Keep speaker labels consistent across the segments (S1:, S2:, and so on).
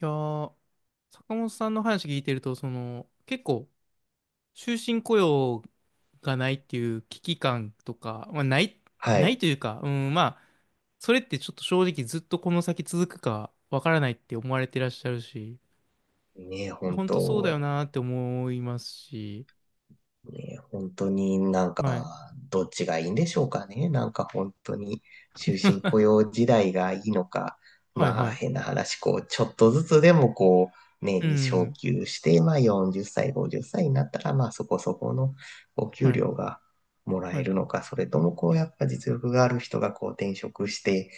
S1: いやー、坂本さんの話聞いてると、その、結構、終身雇用がないっていう危機感とか、まあ、
S2: は
S1: ない
S2: い。
S1: というか、うん、まあ、それってちょっと正直ずっとこの先続くかわからないって思われてらっしゃるし、
S2: ねえ、本
S1: 本当そうだよ
S2: 当、
S1: なーって思いますし。
S2: ねえ、本当に
S1: はい。
S2: どっちがいいんでしょうかね。なんか本当に、終身雇 用時代がいいのか、
S1: はい
S2: まあ
S1: はい。
S2: 変な話、ちょっとずつでも
S1: う
S2: 年に昇
S1: ん。
S2: 給して、まあ40歳、50歳になったら、まあそこそこのお
S1: は
S2: 給
S1: い。
S2: 料がもら
S1: は
S2: え
S1: い。
S2: るのか、それともやっぱ実力がある人が転職して、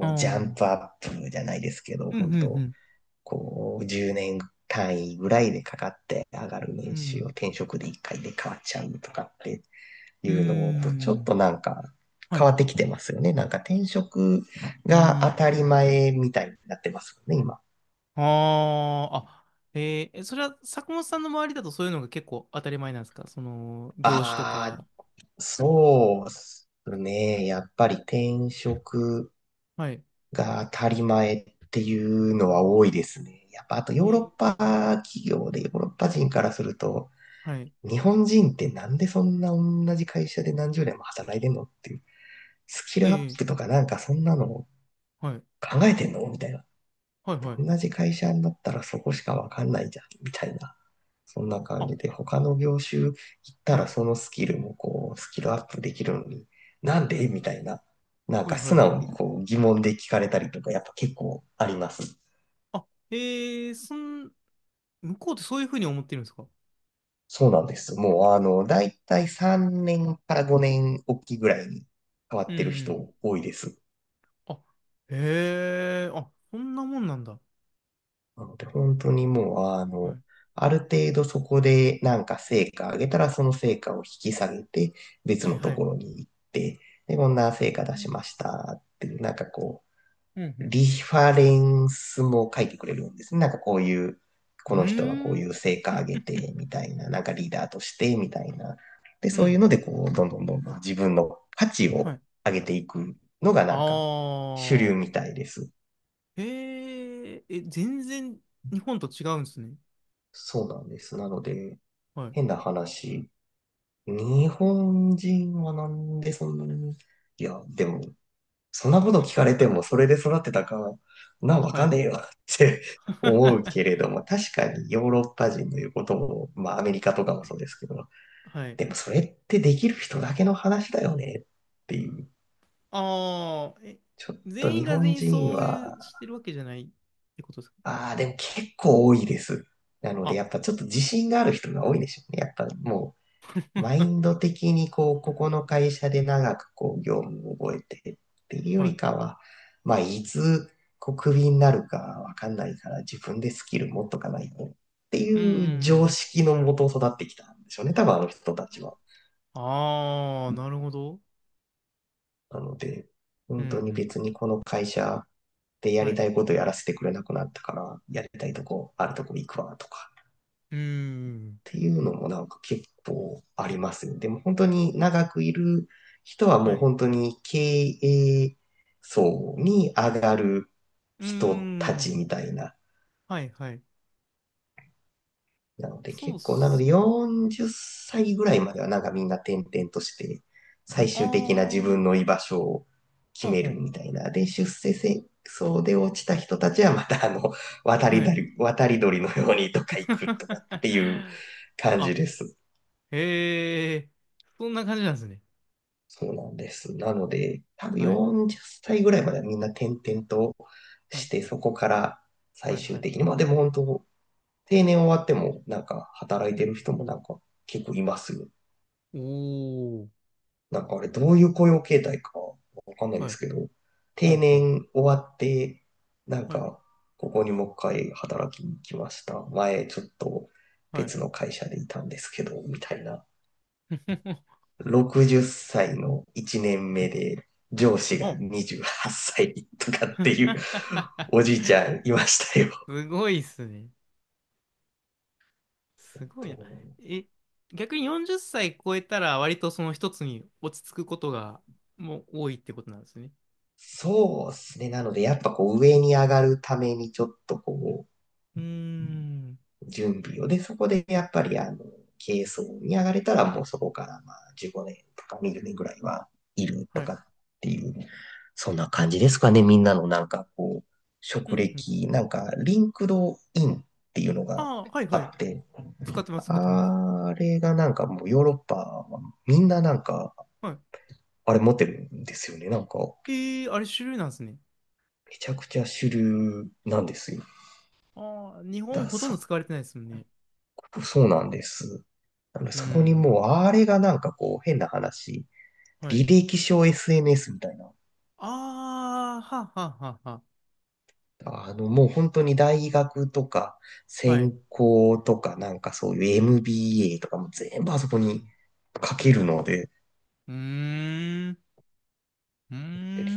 S1: あ
S2: う、ジャンプ
S1: あ。
S2: アップじゃないですけど、
S1: うん
S2: 本
S1: う
S2: 当、
S1: ん
S2: 10年単位ぐらいでかかって上がる
S1: うん。う
S2: 年収を
S1: ん。
S2: 転職で1回で変わっちゃうとかってい
S1: うー
S2: うのと、ちょっ
S1: ん。
S2: と
S1: は
S2: 変
S1: い。
S2: わってきてますよね。なんか転職
S1: うー
S2: が当たり
S1: ん。
S2: 前みたいになってますよね、今。
S1: ああ、あ、それは坂本さんの周りだとそういうのが結構当たり前なんですか？その、業種と
S2: ああ、
S1: か。
S2: そうっすね。やっぱり転職
S1: はい。
S2: が当たり前っていうのは多いですね。やっぱあと
S1: え
S2: ヨーロッ
S1: ー、
S2: パ企業でヨーロッパ人からすると、
S1: はい。
S2: 日本人ってなんでそんな同じ会社で何十年も働いてんのっていう、スキ
S1: え
S2: ルアッ
S1: ー、
S2: プとかそんなの考
S1: はい。
S2: えてんのみたいな。
S1: はい、はい。
S2: 同じ会社になったらそこしかわかんないじゃん、みたいな。そんな感
S1: あ、
S2: じで、他の業種行った
S1: は
S2: ら
S1: い。
S2: そのスキルもスキルアップできるのに、なん
S1: う
S2: でみた
S1: ん。
S2: いな。なん
S1: は
S2: か
S1: い、は
S2: 素
S1: い。
S2: 直に疑問で聞かれたりとか、やっぱ結構あります。
S1: あ、えー、向こうってそういうふうに思ってるんですか？
S2: そうなんです。もうだいたい3年から5年おきぐらいに変わ
S1: う
S2: っ
S1: ん、う
S2: てる
S1: ん。
S2: 人多いです。
S1: あ、へえ、あ、そんなもんなんだ。
S2: なので、本当にもう、
S1: はい。
S2: ある程度そこでなんか成果上げたら、その成果を引き下げて、別
S1: はい、
S2: の
S1: は
S2: と
S1: い。
S2: ころに行って、で、こんな
S1: う
S2: 成果出しま
S1: ん、
S2: したっていう、
S1: うん、うん。
S2: リファレンスも書いてくれるんですね。なんかこういう、
S1: うー
S2: この人はこう
S1: ん、
S2: いう成果上げて、みたいな、なんかリーダーとして、みたいな。で、
S1: う
S2: そういう
S1: ん、
S2: の
S1: う
S2: で、
S1: ん。
S2: どんどん自分の価値
S1: は
S2: を
S1: い。
S2: 上げていくのが、
S1: あ
S2: 主流み
S1: あ。
S2: たいです。
S1: へえ、え、全然日本と違うんですね。
S2: そうなんです。なので、
S1: はい。
S2: 変な話。日本人はなんでそんなに、いや、でも、そんなこと聞かれても、それで育ってたか、なんわ
S1: は
S2: かん
S1: い。
S2: ねえよって 思う けれども、確かにヨーロッパ人の言うことも、まあアメリカとかもそうですけど、
S1: はい。
S2: でもそれってできる人だけの話だよねっていう。
S1: ああ、え、
S2: ちょっと
S1: 全員
S2: 日
S1: が全
S2: 本
S1: 員
S2: 人
S1: そういう
S2: は、
S1: してるわけじゃないってことですか？
S2: ああ、でも結構多いです。なので、
S1: あ、
S2: やっぱちょっと自信がある人が多いでしょうね。やっぱもうマ インド的にここの会社で長く業務を覚えてっていうよ
S1: は
S2: り
S1: い。
S2: かは、まあ、いつ、クビになるかわかんないから、自分でスキル持っとかないとって
S1: う
S2: いう常
S1: ん。
S2: 識のもと育ってきたんでしょうね、多分あの人たちは。
S1: ああ、なるほど。
S2: なので、
S1: うん
S2: 本
S1: う
S2: 当に
S1: ん。
S2: 別にこの会社でや
S1: は
S2: り
S1: い。
S2: たいことやらせてくれなくなったから、やりたいとこ、あるとこ行くわとか、
S1: うーん。
S2: ていうのも結構ありますね。でも本当に長くいる人はも
S1: は
S2: う
S1: い。
S2: 本当に経営層に上がる
S1: うー
S2: 人たち
S1: ん。
S2: みたいな。
S1: はいはい。
S2: なので
S1: そうっ
S2: 結構、なので
S1: すよね。
S2: 40歳ぐらいまではなんかみんな転々として最
S1: あ
S2: 終的な自
S1: あ、ほ
S2: 分の居場所を決
S1: う
S2: め
S1: ほ
S2: るみたいな。で、出世戦争で落ちた人たちはまた渡
S1: う。
S2: り
S1: はい。
S2: 鳥、渡り鳥のようにとか行くとかっていう 感じ
S1: あ、
S2: です。
S1: へえ、そんな感じなんですね。
S2: そうなんです。なので、多分
S1: はい。
S2: 40歳ぐらいまではみんな転々と
S1: は
S2: し
S1: い。
S2: て、そこから
S1: は
S2: 最
S1: い。は
S2: 終
S1: い。
S2: 的に、まあでも本当、定年終わっても、なんか働い
S1: う
S2: て
S1: ん。
S2: る人もなんか結構いますよ。
S1: おー。
S2: なんかあれ、どういう雇用形態かわかんないで
S1: は
S2: す
S1: い。
S2: けど、
S1: ほ
S2: 定
S1: んほん。
S2: 年終わって、なん
S1: はい。
S2: か、ここにもう一回働きに来ました。前、ちょっと
S1: はい。
S2: 別の会社でいたんですけど、みたいな。60歳の1年目で、上司が
S1: お
S2: 28歳とかっていうおじいちゃんいましたよ。
S1: すごいっすね。すごいな。え、逆に40歳超えたら割とその一つに落ち着くことがもう多いってことなんですね。
S2: そうですね。なので、やっぱ上に上がるためにちょっと
S1: うーん。
S2: 準備を。で、そこでやっぱり軽装に上がれたらもうそこからまあ15年とか20年ぐらいはいると
S1: は
S2: か
S1: い。
S2: っていう、そんな感じですかね。みんなのなんか
S1: う
S2: 職
S1: んうん。
S2: 歴、なんかリンクドインっていうの
S1: あ
S2: が
S1: あ、はい
S2: あ
S1: はい。
S2: って、
S1: 使ってます、使ってます。
S2: あれがなんかもうヨーロッパはみんななんか
S1: は
S2: あれ持ってるんですよね。なんか
S1: い。えー、あれ主流なんですね。
S2: めちゃくちゃ主流なんですよ。
S1: ああ、日本
S2: だ、
S1: ほとん
S2: そ、
S1: ど使われてないですもんね。
S2: そうなんです。
S1: う
S2: そこに
S1: ん。
S2: もうあれがなんかこう変な話、
S1: はい。
S2: 履歴書 SNS みたいな。
S1: ああ、はあはあはあは
S2: あのもう本当に大学とか
S1: あ。はい。
S2: 専攻とかなんかそういう MBA とかも全部あそこ
S1: う
S2: に
S1: ん。
S2: 書
S1: う
S2: け
S1: ん。
S2: るので、
S1: うーん。うー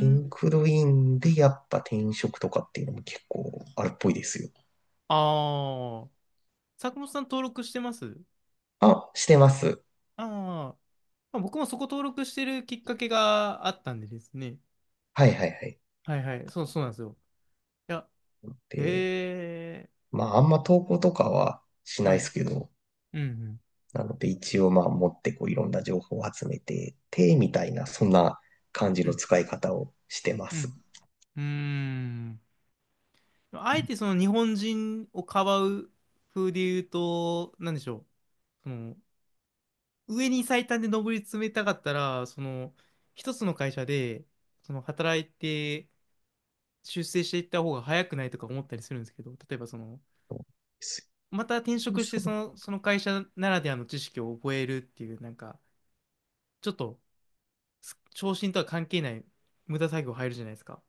S2: リンクドインでやっぱ転職とかっていうのも結構あるっぽいですよ。
S1: ああ。坂本さん登録してます？
S2: あ、してます。
S1: ああ。まあ、僕もそこ登録してるきっかけがあったんでですね。
S2: はいはいはい。
S1: はいはい。そう、そうなんですよ。いや、
S2: で、
S1: ええ、
S2: まああんま投稿とかはしない
S1: は
S2: で
S1: い。
S2: すけど、
S1: うん、うん、
S2: なので一応まあ持ってこういろんな情報を集めて、手みたいなそんな感じ
S1: う
S2: の
S1: ん、
S2: 使い方をしてま
S1: う
S2: す。
S1: ん。うーん。あえてその日本人をかばう風で言うと、なんでしょう。その、上に最短で上り詰めたかったら、その、一つの会社で、その、働いて、出世していった方が早くないとか思ったりするんですけど、例えばその、
S2: そう
S1: また転職して、
S2: そ
S1: そ
S2: う
S1: の、その会社ならではの知識を覚えるっていう、なんか、ちょっと、昇進とは関係ない無駄作業入るじゃないですか。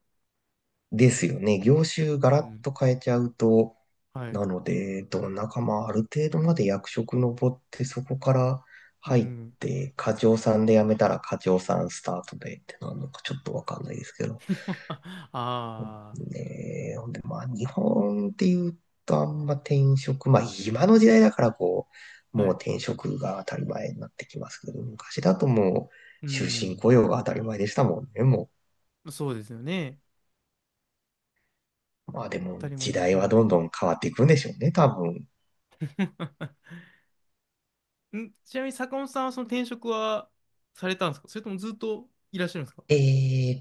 S2: ですよね。業種ガ
S1: う
S2: ラッ
S1: ん。
S2: と変えちゃうと、
S1: はい。
S2: なので、どんなかまあある程度まで役職登ってそこから
S1: う
S2: 入っ
S1: ん。
S2: て、課長さんで辞めたら課長さんスタートでってなるのかちょっとわかんないですけど。うん
S1: あ
S2: ねえ、ほんで、まあ、日本っていうと、あんま転職、まあ、今の時代だから、
S1: あ、
S2: も
S1: は
S2: う
S1: い。
S2: 転職が当たり前になってきますけど、昔だともう、
S1: う
S2: 終身
S1: ん。
S2: 雇用が当たり前でしたもんね、も
S1: そうですよね。
S2: う。まあ、で
S1: 当
S2: も、
S1: たり
S2: 時
S1: 前の。
S2: 代
S1: は
S2: は
S1: い。
S2: どんどん変わっていくんでしょうね、多分。
S1: ちなみに坂本さんはその転職はされたんですか？それともずっといらっしゃるんですか？
S2: え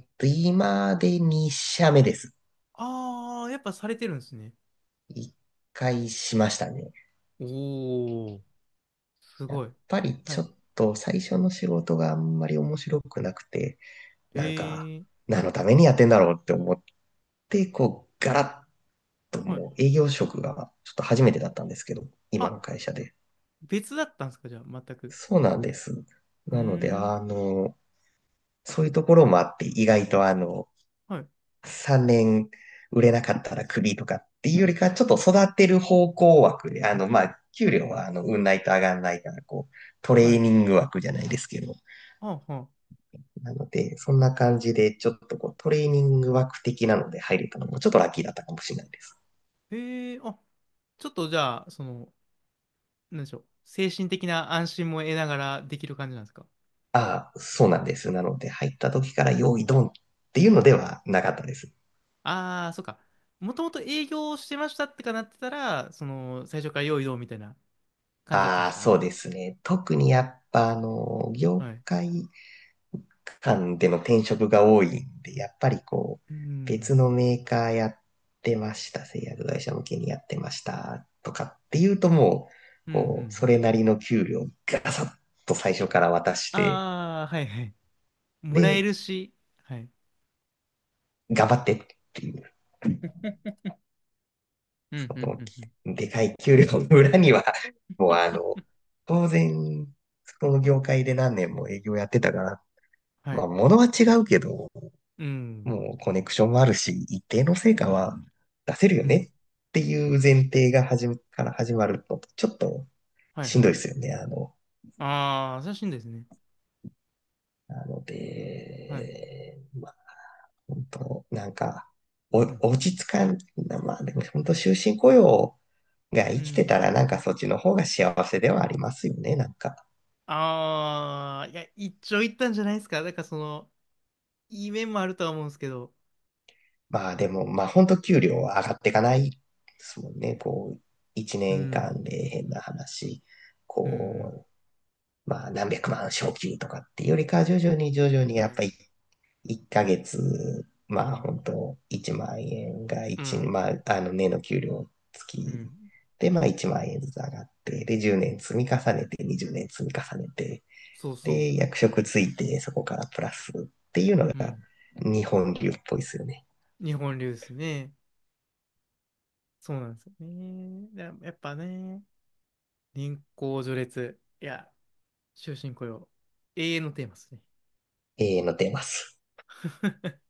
S2: ーっと、今で2社目です。
S1: ああー、やっぱされてるんですね。
S2: 1回しましたね。
S1: おお、す
S2: やっ
S1: ごい。
S2: ぱり
S1: は
S2: ちょ
S1: い。
S2: っと最初の仕事があんまり面白くなくて、なんか、
S1: へえ、
S2: 何のためにやってんだろうって思っで、ガラッと
S1: は
S2: も
S1: い。
S2: う営業職がちょっと初めてだったんですけど、今
S1: あ、
S2: の会社で。
S1: 別だったんですか、じゃあ、全く。
S2: そうなんです。
S1: うー
S2: なので、
S1: ん。
S2: そういうところもあって、意外と
S1: はい。
S2: 3年売れなかったらクビとかっていうよりか、ちょっと育てる方向枠で、まあ、給料は運ないと上がんないから、ト
S1: は
S2: レー
S1: い。
S2: ニング枠じゃないですけど、
S1: はあ、はあ。
S2: なので、そんな感じで、ちょっとトレーニング枠的なので入れたのも、ちょっとラッキーだったかもしれないです。
S1: へえ、あ、ちょっとじゃあ、その、なんでしょう。精神的な安心も得ながらできる感じなんですか？
S2: ああ、そうなんです。なので、入った時から用意ドンっていうのではなかったです。
S1: ああー、そっか。もともと営業してましたってかなってたら、その、最初から用意どうみたいな感じだったん
S2: あ
S1: で
S2: あ、
S1: すかね。
S2: そうですね。特にやっぱ、業
S1: はい。
S2: 界間での転職が多いんで、やっぱり
S1: う
S2: 別
S1: ん。
S2: のメーカーやってました、製薬会社向けにやってましたとかっていうともう、
S1: うん、うん、う
S2: そ
S1: ん。
S2: れなりの給料ガサッと最初から渡して、
S1: ああ、はいはい。もらえ
S2: で、
S1: るし、はい。
S2: 頑張ってっていう。
S1: うん、
S2: そ
S1: うん、う
S2: の
S1: ん、うん。
S2: でかい給料の裏には、もう当然、その業界で何年も営業やってたから、
S1: は
S2: まあ、
S1: い。
S2: 物は違うけど、
S1: うん、
S2: もうコネクションもあるし、一定の成果は出せるよ
S1: うん。
S2: ねっていう前提が始めから始まると、ちょっと
S1: はい
S2: しん
S1: は
S2: ど
S1: い。
S2: いですよね。
S1: ああ、優しいんですね。
S2: なの
S1: はい。
S2: で、まあ、本当なんか、お
S1: うん、
S2: 落ち着かん、まあでも本当終身雇用が
S1: うん。
S2: 生
S1: う
S2: きて
S1: ん。
S2: たら、なんかそっちの方が幸せではありますよね、なんか。
S1: ああ、いや、一長一短じゃないですか。だからその、いい面もあるとは思うんですけど。
S2: まあでも、まあ本当給料は上がっていかないですもんね。1
S1: う
S2: 年間
S1: ん、
S2: で変な話、
S1: うん、うん。
S2: こまあ何百万昇給とかっていうよりか徐々に徐々に
S1: は
S2: やっ
S1: い。
S2: ぱり1ヶ月、
S1: う
S2: まあ
S1: ん、
S2: 本当1万円が
S1: う
S2: 一
S1: ん、
S2: まああの年の給料付
S1: う
S2: き
S1: ん。
S2: でまあ1万円ずつ上がって、で10年積み重ねて20年積み重ねて、
S1: そうそ
S2: で役職ついてそこからプラスっていうのが
S1: う。うん。
S2: 日本流っぽいですよね。
S1: 日本流ですね。そうなんですよね。だやっぱね、年功序列。いや、終身雇用。永遠のテーマですね。
S2: 永遠のテーマです。